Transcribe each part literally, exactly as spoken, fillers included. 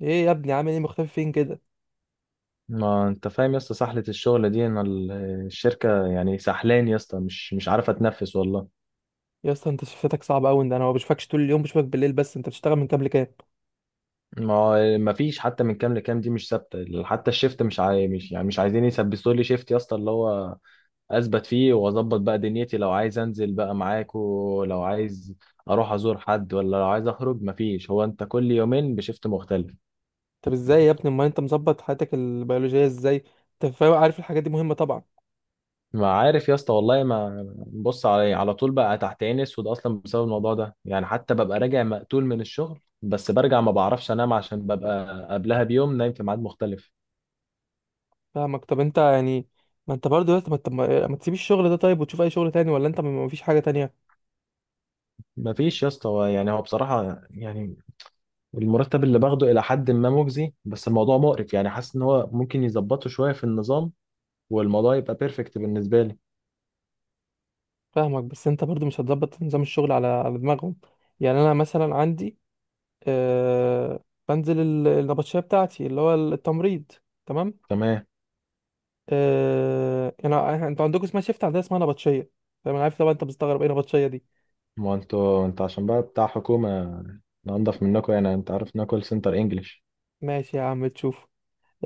ايه يا ابني عامل ايه مختفي فين كده؟ ما انت فاهم يا اسطى، سحلة الشغل دي ان ال- الشركة، يعني سحلان يا اسطى، مش مش عارفة تنفس والله. يا اسطى انت شفتك صعب قوي ده، انا ما بشوفكش طول اليوم، بشوفك بالليل بس. انت بتشتغل من كام لكام؟ ما ما فيش حتى من كام لكام، دي مش ثابتة، حتى الشيفت مش عاي... مش، يعني مش عايزين يثبتوا لي شيفت يا اسطى اللي هو اثبت فيه واظبط بقى دنيتي، لو عايز انزل بقى معاك ولو عايز اروح ازور حد، ولا لو عايز اخرج ما فيش. هو انت كل يومين بشيفت مختلف؟ طب ازاي يا ابني؟ امال انت مظبط حياتك البيولوجيه ازاي؟ انت فاهم، عارف الحاجات دي مهمه طبعا. ما عارف يا اسطى والله، ما بص علي إيه، على طول بقى تحت عيني اسود اصلا بسبب الموضوع ده، يعني حتى ببقى راجع مقتول من الشغل بس برجع ما بعرفش انام عشان ببقى قبلها بيوم نايم في ميعاد مختلف. فاهمك. طب انت يعني، ما انت برضه يا اسطى، ما انت ما ما تسيب الشغل ده طيب وتشوف اي شغل تاني؟ ولا انت ما فيش حاجه تانية؟ ما فيش يا اسطى. هو- يعني هو بصراحة، يعني المرتب اللي باخده الى حد ما مجزي، بس الموضوع مقرف، يعني حاسس ان هو ممكن يظبطه شوية في النظام والموضوع يبقى بيرفكت بالنسبة لي. فاهمك، بس انت برضه مش هتظبط نظام الشغل على على دماغهم. يعني انا مثلا عندي، آه بنزل ال- النبطشيه بتاعتي اللي هو التمريض. تمام. تمام. آه، انا إحنا- انتوا عندكم اسمها شيفت، عندنا اسمها نبطشيه. فاهم، انا عارف طبعا انت بتستغرب ايه نبطشيه دي. ما هو انتوا، انت عشان بقى بتاع حكومة انضف منكم، يعني انت عارف انها كول سنتر انجلش. ماشي يا عم، تشوف.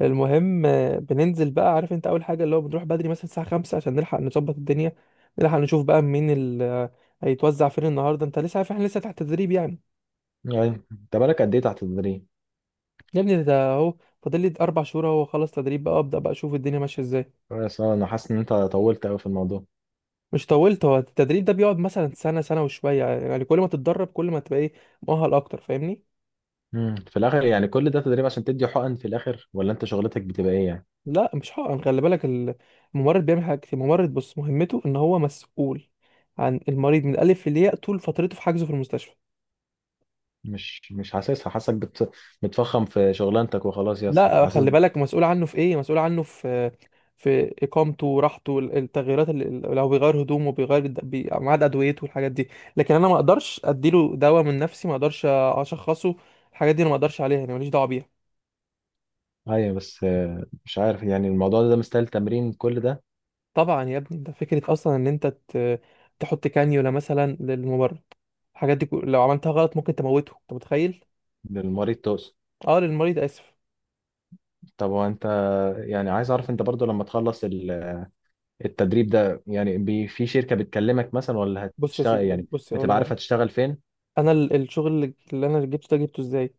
المهم، آه، بننزل بقى، عارف انت اول حاجه اللي هو بنروح بدري مثلا الساعه خمسة عشان نلحق نظبط الدنيا، نلحق نشوف بقى مين اللي هيتوزع فين النهارده. انت لسه عارف احنا لسه تحت تدريب يعني. يعني انت بالك قد ايه تحت التدريب؟ يا ابني ده اهو فاضل لي اربع شهور، اهو خلص تدريب بقى، ابدا بقى اشوف الدنيا ماشيه ازاي. بس انا حاسس ان انت طولت قوي في الموضوع. مش طولت، هو التدريب ده بيقعد مثلا سنه سنه وشويه، يعني يعني كل ما تتدرب كل ما تبقى ايه، مؤهل اكتر، فاهمني. امم، في الاخر يعني كل ده تدريب عشان تدي حقن في الاخر؟ ولا انت شغلتك بتبقى ايه يعني؟ لا مش حقن، خلي بالك، ال- الممرض بيعمل حاجة كتير. الممرض بص مهمته ان هو مسؤول عن المريض من الالف للياء طول فترته في حجزه في المستشفى. مش مش حاسسها، حاسسك بت... بتفخم في شغلانتك وخلاص يا اسطى، لا حاسس. خلي بالك، مسؤول عنه في ايه؟ مسؤول عنه في في اقامته، راحته، ال- التغييرات اللي لو بيغير هدومه، بيغير الد- بي- ميعاد ادويته والحاجات دي. لكن انا ما اقدرش اديله دواء من نفسي، ما اقدرش اشخصه. الحاجات دي انا ما اقدرش عليها، انا ماليش دعوه بيها. ايوه بس آه، مش عارف يعني الموضوع ده مستاهل تمرين كل ده؟ طبعا يا ابني، ده فكره اصلا ان انت ت- تحط كانيولا مثلا للممرض. الحاجات دي كو- لو عملتها غلط ممكن تموته، انت متخيل؟ للمريض تقصد؟ اه للمريض، اسف. طب هو انت، يعني عايز اعرف انت برضو لما تخلص ال- التدريب ده، يعني بي... في شركة بتكلمك مثلا؟ ولا بص يا هتشتغل، سيدي، يعني بص اقول لك بتبقى على عارف حاجة. هتشتغل فين؟ انا ال- الشغل اللي اللي انا جبته ده جبته ازاي؟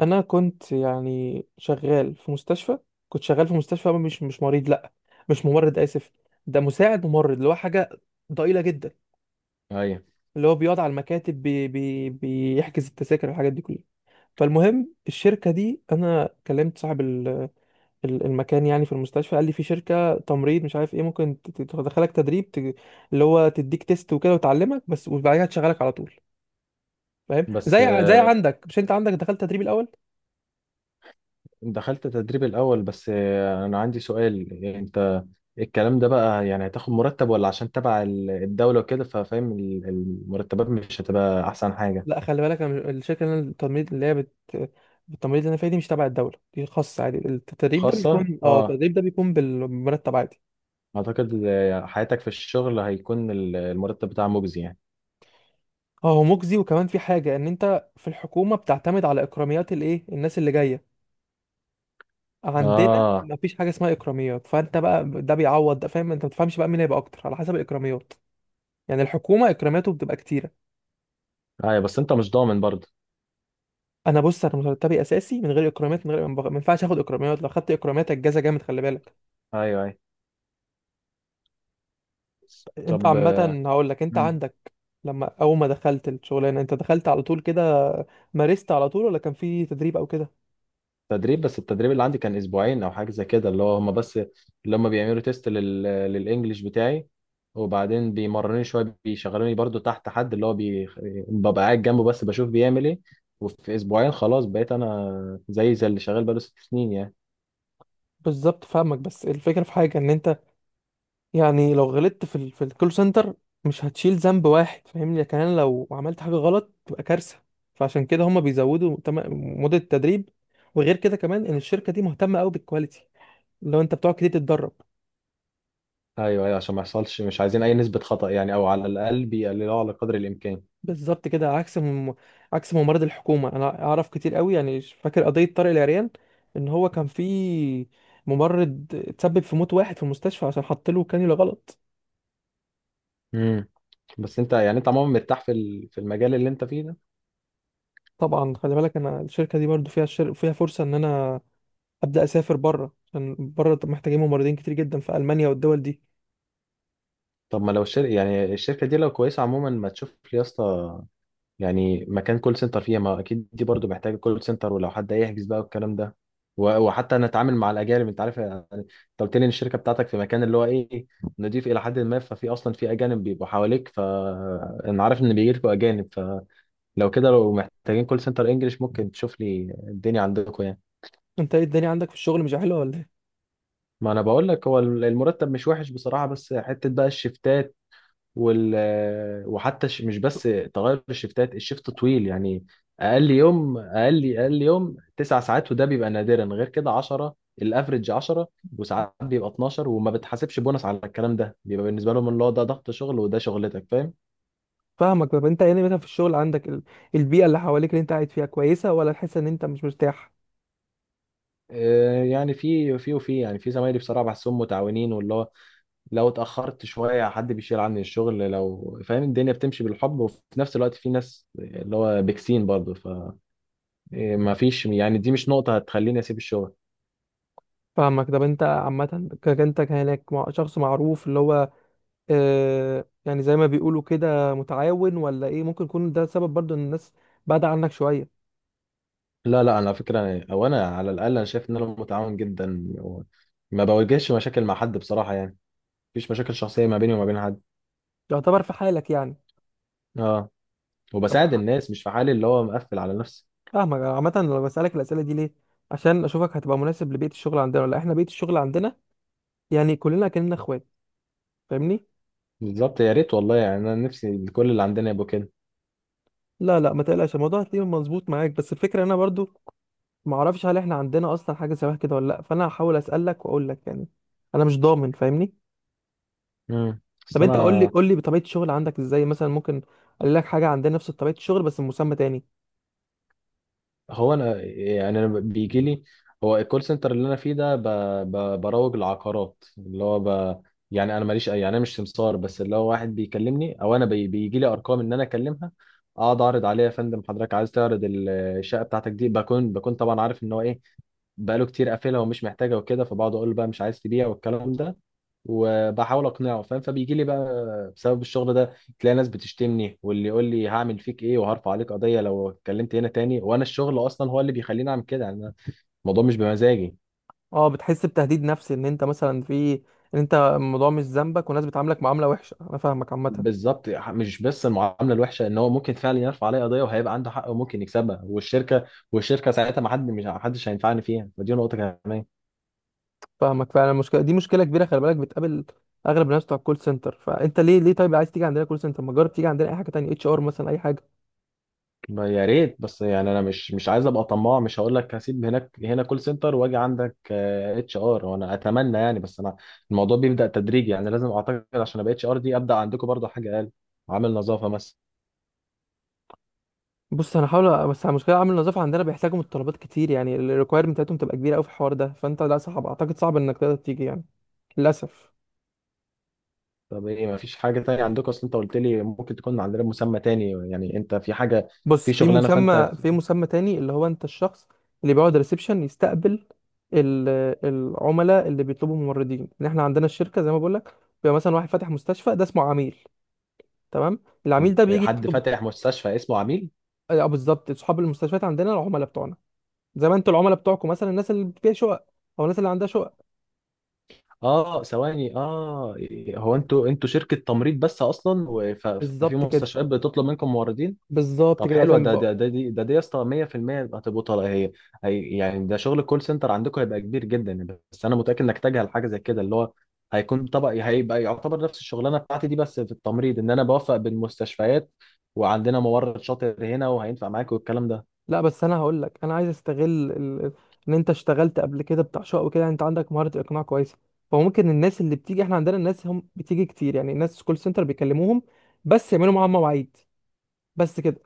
انا كنت يعني شغال في مستشفى، كنت شغال في مستشفى. مش مش مريض لا، مش ممرض، اسف. ده مساعد ممرض، اللي هو حاجه ضئيله جدا، ايوه اللي هو بيقعد على المكاتب، بي بي بيحجز التذاكر والحاجات دي كلها. فالمهم الشركه دي انا كلمت صاحب ال- ال- المكان يعني في المستشفى، قال لي في شركه تمريض مش عارف ايه ممكن ت- ت- تدخلك تدريب، ت- اللي هو تديك تيست وكده وتعلمك بس، وبعدها تشغلك على طول. فاهم، بس زي، زي عندك. مش انت عندك دخلت تدريب الاول؟ دخلت تدريب الأول. بس آه، أنا عندي سؤال، يعني أنت الكلام ده بقى يعني هتاخد مرتب؟ ولا عشان تبع ال- الدولة وكده، ففاهم ال- المرتبات مش هتبقى أحسن حاجة؟ لا خلي بالك، انا مش- الشركه اللي أنا، التمريض اللي هي بت التمريض اللي انا فيها دي مش تبع الدوله، دي خاصه عادي. التدريب ده خاصة، بيكون، اه اه. التدريب ده بيكون بالمرتب عادي. أعتقد آه، حياتك في الشغل هيكون ال- المرتب بتاعها مجزي يعني. اه هو مجزي، وكمان في حاجه ان انت في الحكومه بتعتمد على اكراميات الايه، الناس اللي جايه. عندنا اه، مفيش حاجه اسمها اكراميات، فانت بقى ده بيعوض ده. فاهم؟ انت ما بتفهمش بقى مين هيبقى اكتر على حسب الاكراميات. يعني الحكومه اكراماته بتبقى كتيره. أيوة، بس أنت مش ضامن برضه. انا بص، انا مرتبي اساسي من غير اكرامات، من غير، ما ينفعش اخد اكراميات. لو خدت اكرامات الجزا جامد، خلي بالك. أيوة أيوة. انت طب عامة هقول لك، انت عندك، لما اول ما دخلت الشغلانة انت دخلت على طول كده، مارست على طول، ولا كان في تدريب او كده؟ تدريب. بس التدريب اللي عندي كان اسبوعين او حاجه زي كده، اللي هو هم بس اللي هم بيعملوا تيست لل... للانجليش بتاعي، وبعدين بيمرنوني شويه، بيشغلوني برضو تحت حد اللي هو بي... ببقى قاعد جنبه بس بشوف بيعمل ايه، وفي اسبوعين خلاص بقيت انا زي زي اللي شغال بقاله ست سنين يعني. بالظبط، فاهمك. بس الفكرة في حاجة ان انت يعني لو غلطت في ال... في الكول سنتر، مش هتشيل ذنب واحد، فاهمني. لكن انا لو عملت حاجة غلط تبقى كارثة. فعشان كده هما بيزودوا تم... مدة التدريب. وغير كده كمان ان الشركة دي مهتمة قوي بالكواليتي، لو انت بتقعد كتير تتدرب. ايوه ايوه، عشان ما يحصلش، مش عايزين اي نسبه خطا يعني، او على الاقل بيقللوها على قدر الامكان. بالظبط كده، عكس مم... عكس ممرض الحكومه. انا اعرف كتير قوي، يعني فاكر قضيه طارق العريان ان هو كان في ممرض اتسبب في موت واحد في المستشفى عشان حط له كانيولا غلط. امم. بس انت يعني انت عموما مرتاح في ال- في المجال اللي انت فيه ده؟ طبعا، خلي بالك انا الشركه دي برضو فيها الشر... فيها فرصه ان انا ابدا اسافر بره، عشان بره محتاجين ممرضين كتير جدا في المانيا والدول دي. طب ما لو الشركه يعني الشركه دي لو كويسه عموما، ما تشوف لي يا اسطى يعني مكان كول سنتر فيها. ما اكيد دي برضو محتاجه كول سنتر، ولو حد يحجز بقى والكلام ده، و- وحتى انا اتعامل مع الاجانب. انت عارف، يعني انت قلت لي ان الشركه بتاعتك في مكان اللي هو ايه، نضيف الى حد ما، ففي اصلا في اجانب بيبقوا حواليك، فانا عارف ان بيجي لكم اجانب، فلو كده لو محتاجين كول سنتر انجلش ممكن تشوف لي الدنيا عندكم يعني. انت ايه الدنيا عندك في الشغل مش حلوه ولا ايه؟ ما انا بقول لك هو المرتب مش وحش بصراحه، بس حته بقى الشفتات وال، وحتى ش- مش بس تغير الشفتات، الشفت طويل يعني. اقل يوم، اقل اقل يوم تسع ساعات، وده بيبقى نادرا، غير كده عشرة. الافرج عشرة، وساعات بيبقى اتناشر، وما بتحاسبش بونص على الكلام ده، بيبقى بالنسبه لهم اللي هو ده ضغط شغل وده شغلتك، فاهم. فاهمك. طب انت يعني مثلا في الشغل عندك، ال... البيئه اللي حواليك اللي انت قاعد فيها كويسه، ولا تحس ان انت مش مرتاح؟ آه، يعني في في وفي يعني في زمايلي بصراحه بحسهم متعاونين، واللي هو لو اتاخرت شويه حد بيشيل عني الشغل لو فاهم، الدنيا بتمشي بالحب، وفي نفس الوقت في ناس اللي هو بيكسين برضه. إيه، ما فيش يعني، دي مش نقطة هتخليني أسيب الشغل. فاهمك. طب انت عامة ك- انت كانك مع- شخص معروف، اللي هو آه يعني زي ما بيقولوا كده متعاون، ولا ايه؟ ممكن يكون ده سبب برضو ان الناس بعد عنك شوية. لا لا، أنا على فكرة، أو أنا على الأقل أنا شايف إن أنا متعاون جدا و- ما بواجهش مشاكل مع حد بصراحة يعني. مفيش مشاكل شخصية ما بيني وما بين حد. يعتبر في حالك يعني. أه. طب وبساعد ح- الناس، مش في حالي اللي هو مقفل على نفسي. فاهمك. عامة لو بسألك الأسئلة دي ليه، عشان أشوفك هتبقى مناسب لبيئة الشغل عندنا ولا لأ. احنا بيئة الشغل عندنا يعني كلنا كأننا اخوات، فاهمني. بالظبط يا ريت والله، يعني أنا نفسي كل اللي عندنا يبقوا كده. لا لا ما تقلقش، الموضوع هتلاقيه مظبوط معاك، بس الفكرة انا برضو ما اعرفش هل احنا عندنا اصلا حاجة شبه كده ولا لا، فانا هحاول أسألك واقول لك يعني. انا مش ضامن، فاهمني. امم. طب أصل انت قول لي أنا، قول لي بطبيعه الشغل عندك ازاي، مثلا ممكن اقول لك حاجه عندنا نفس طبيعه الشغل بس مسمى تاني. هو انا يعني انا بيجي لي، هو الكول سنتر اللي انا فيه ده ب... ب... بروج العقارات اللي هو ب... يعني انا ماليش أي- يعني انا مش سمسار، بس اللي هو واحد بيكلمني او انا بي... بيجي لي ارقام ان انا اكلمها، اقعد اعرض عليها يا فندم حضرتك عايز تعرض الشقه بتاعتك دي؟ بكون بكون طبعا عارف ان هو ايه بقاله كتير قافلها ومش محتاجها وكده، فبقعد اقول له بقى مش عايز تبيع والكلام ده وبحاول اقنعه فاهم. فبيجي لي بقى بسبب الشغل ده تلاقي ناس بتشتمني واللي يقول لي هعمل فيك ايه وهرفع عليك قضيه لو اتكلمت هنا تاني، وانا الشغل اصلا هو اللي بيخليني اعمل كده يعني، أنا الموضوع مش بمزاجي. اه بتحس بتهديد نفسي ان انت مثلا في، ان انت الموضوع مش ذنبك والناس بتعاملك معامله وحشه. انا فاهمك عامه. بالظبط، مش بس المعامله الوحشه، ان هو ممكن فعلا يرفع عليا قضيه وهيبقى عنده حق وممكن يكسبها، والشركه والشركه ساعتها ما حد، مش حدش هينفعني فيها، فدي نقطه كمان. فاهمك فعلا، المشكله دي مشكله كبيره، خلي بالك بتقابل اغلب الناس بتوع الكول سنتر. فانت ليه ليه طيب عايز تيجي عندنا كول سنتر؟ ما جرب تيجي عندنا اي حاجه تانية، اتش ار مثلا، اي حاجه. ما يا ريت، بس يعني انا مش مش عايز ابقى طماع، مش هقول لك هسيب هناك هنا كول سنتر واجي عندك اتش ار، وانا اتمنى يعني، بس انا الموضوع بيبدا تدريجي يعني، لازم اعتقد عشان ابقى اتش ار دي ابدا عندكم برضه حاجه اقل، عامل نظافه مثلا. بص انا هحاول، بس المشكله عامل النظافه عندنا بيحتاجوا متطلبات كتير، يعني الريكويرمنت بتاعتهم تبقى كبيره قوي في الحوار ده. فانت لا، صعب، اعتقد صعب انك تقدر تيجي يعني، للاسف. طب ايه، ما فيش حاجه تانية عندكم؟ اصل انت قلت لي ممكن تكون عندنا مسمى تاني يعني، انت في حاجه بص في في شغلانه فانت، مسمى في مسمى تاني، اللي هو انت الشخص اللي بيقعد ريسبشن، يستقبل ال- العملاء اللي بيطلبوا ممرضين. ان احنا عندنا الشركه زي ما بقول لك، بيبقى مثلا واحد فاتح مستشفى، ده اسمه عميل. تمام. العميل في- ده بيجي حد يطلب. فاتح مستشفى اسمه عميل؟ اه آه، بالظبط، اصحاب المستشفيات عندنا العملاء بتوعنا، زي ما انتوا العملاء بتوعكم مثلا الناس اللي فيها شقق او الناس اللي عندها شقق. اه ثواني، اه، هو انتوا انتوا شركه تمريض بس اصلا، وف- ففي بالظبط كده. مستشفيات بتطلب منكم موردين؟ بالظبط طب كده حلوه. عشان ده بقى، ده ده دي ده دي يا اسطى مية في المية هتبقى طالعه. هي هي- يعني ده شغل الكول سنتر عندكم هيبقى كبير جدا، بس انا متاكد انك تجهل حاجه زي كده، اللي هو هيكون طبق، هيبقى يعتبر نفس الشغلانه بتاعتي دي بس في التمريض، ان انا بوفق بين مستشفيات وعندنا ممرض شاطر هنا وهينفع معاك والكلام ده. لا بس انا هقول لك، انا عايز استغل ال... ان انت اشتغلت قبل كده بتاع شقق وكده، يعني انت عندك مهاره الاقناع كويسه. فممكن الناس اللي بتيجي، احنا عندنا الناس هم بتيجي كتير، يعني الناس كول سنتر بيكلموهم بس يعملوا معاهم مواعيد، بس كده.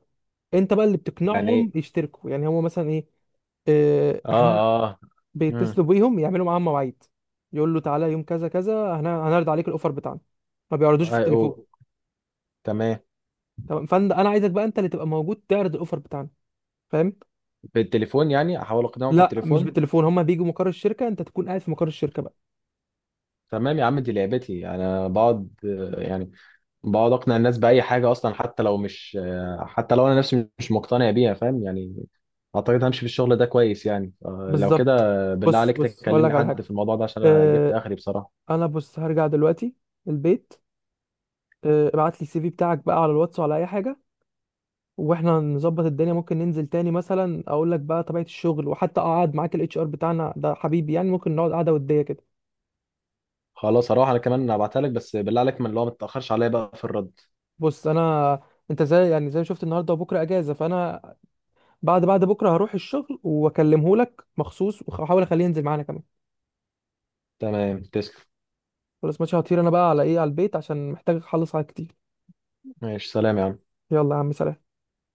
انت بقى اللي يعني بتقنعهم ايه؟ يشتركوا، يعني هو مثلا ايه؟ اه اه. احنا اه. امم. بيتصلوا بيهم يعملوا معاهم مواعيد، يقول له تعالى يوم كذا كذا، هن- هنعرض عليك الاوفر بتاعنا، ما بيعرضوش في التليفون. أيوه. تمام. تمام، فانا انا عايزك بقى انت اللي تبقى موجود تعرض الاوفر بتاعنا، فاهم؟ بالتليفون يعني، احاول اقنعهم في لا مش التليفون؟ بالتليفون، هما بيجوا مقر الشركه، انت تكون قاعد في مقر الشركه بقى. تمام يا عم، دي لعبتي انا. بقعد آه، يعني بقعد اقنع الناس باي حاجه اصلا، حتى لو مش، حتى لو انا نفسي مش مقتنع بيها فاهم يعني. اعتقد همشي في الشغل ده كويس يعني آه، لو كده. بالظبط. بالله بص عليك بص هقول لك تكلمني على حد حاجه. في الموضوع ده، عشان انا جبت اه، اخري بصراحه. انا بص هرجع دلوقتي البيت. اه ابعت لي السي في بتاعك بقى على الواتس وعلى اي حاجه، واحنا نظبط الدنيا. ممكن ننزل تاني مثلا اقول لك بقى طبيعه الشغل، وحتى اقعد معاك الاتش ار بتاعنا ده حبيبي يعني، ممكن نقعد قعده وديه كده. خلاص هروح انا كمان هبعتها لك، بس بالله عليك من اللي هو ما تتاخرش عليا بقى في الرد. بص انا، انت زي، يعني زي ما شفت النهارده، وبكره اجازه، فانا بعد بعد بكره هروح الشغل واكلمه لك مخصوص، واحاول اخليه ينزل معانا كمان. تمام، تسلم. خلاص ماشي، هطير انا بقى على ايه على البيت عشان محتاج اخلص حاجات كتير. ماشي، سلام يا عم. يلا يا عم، سلام.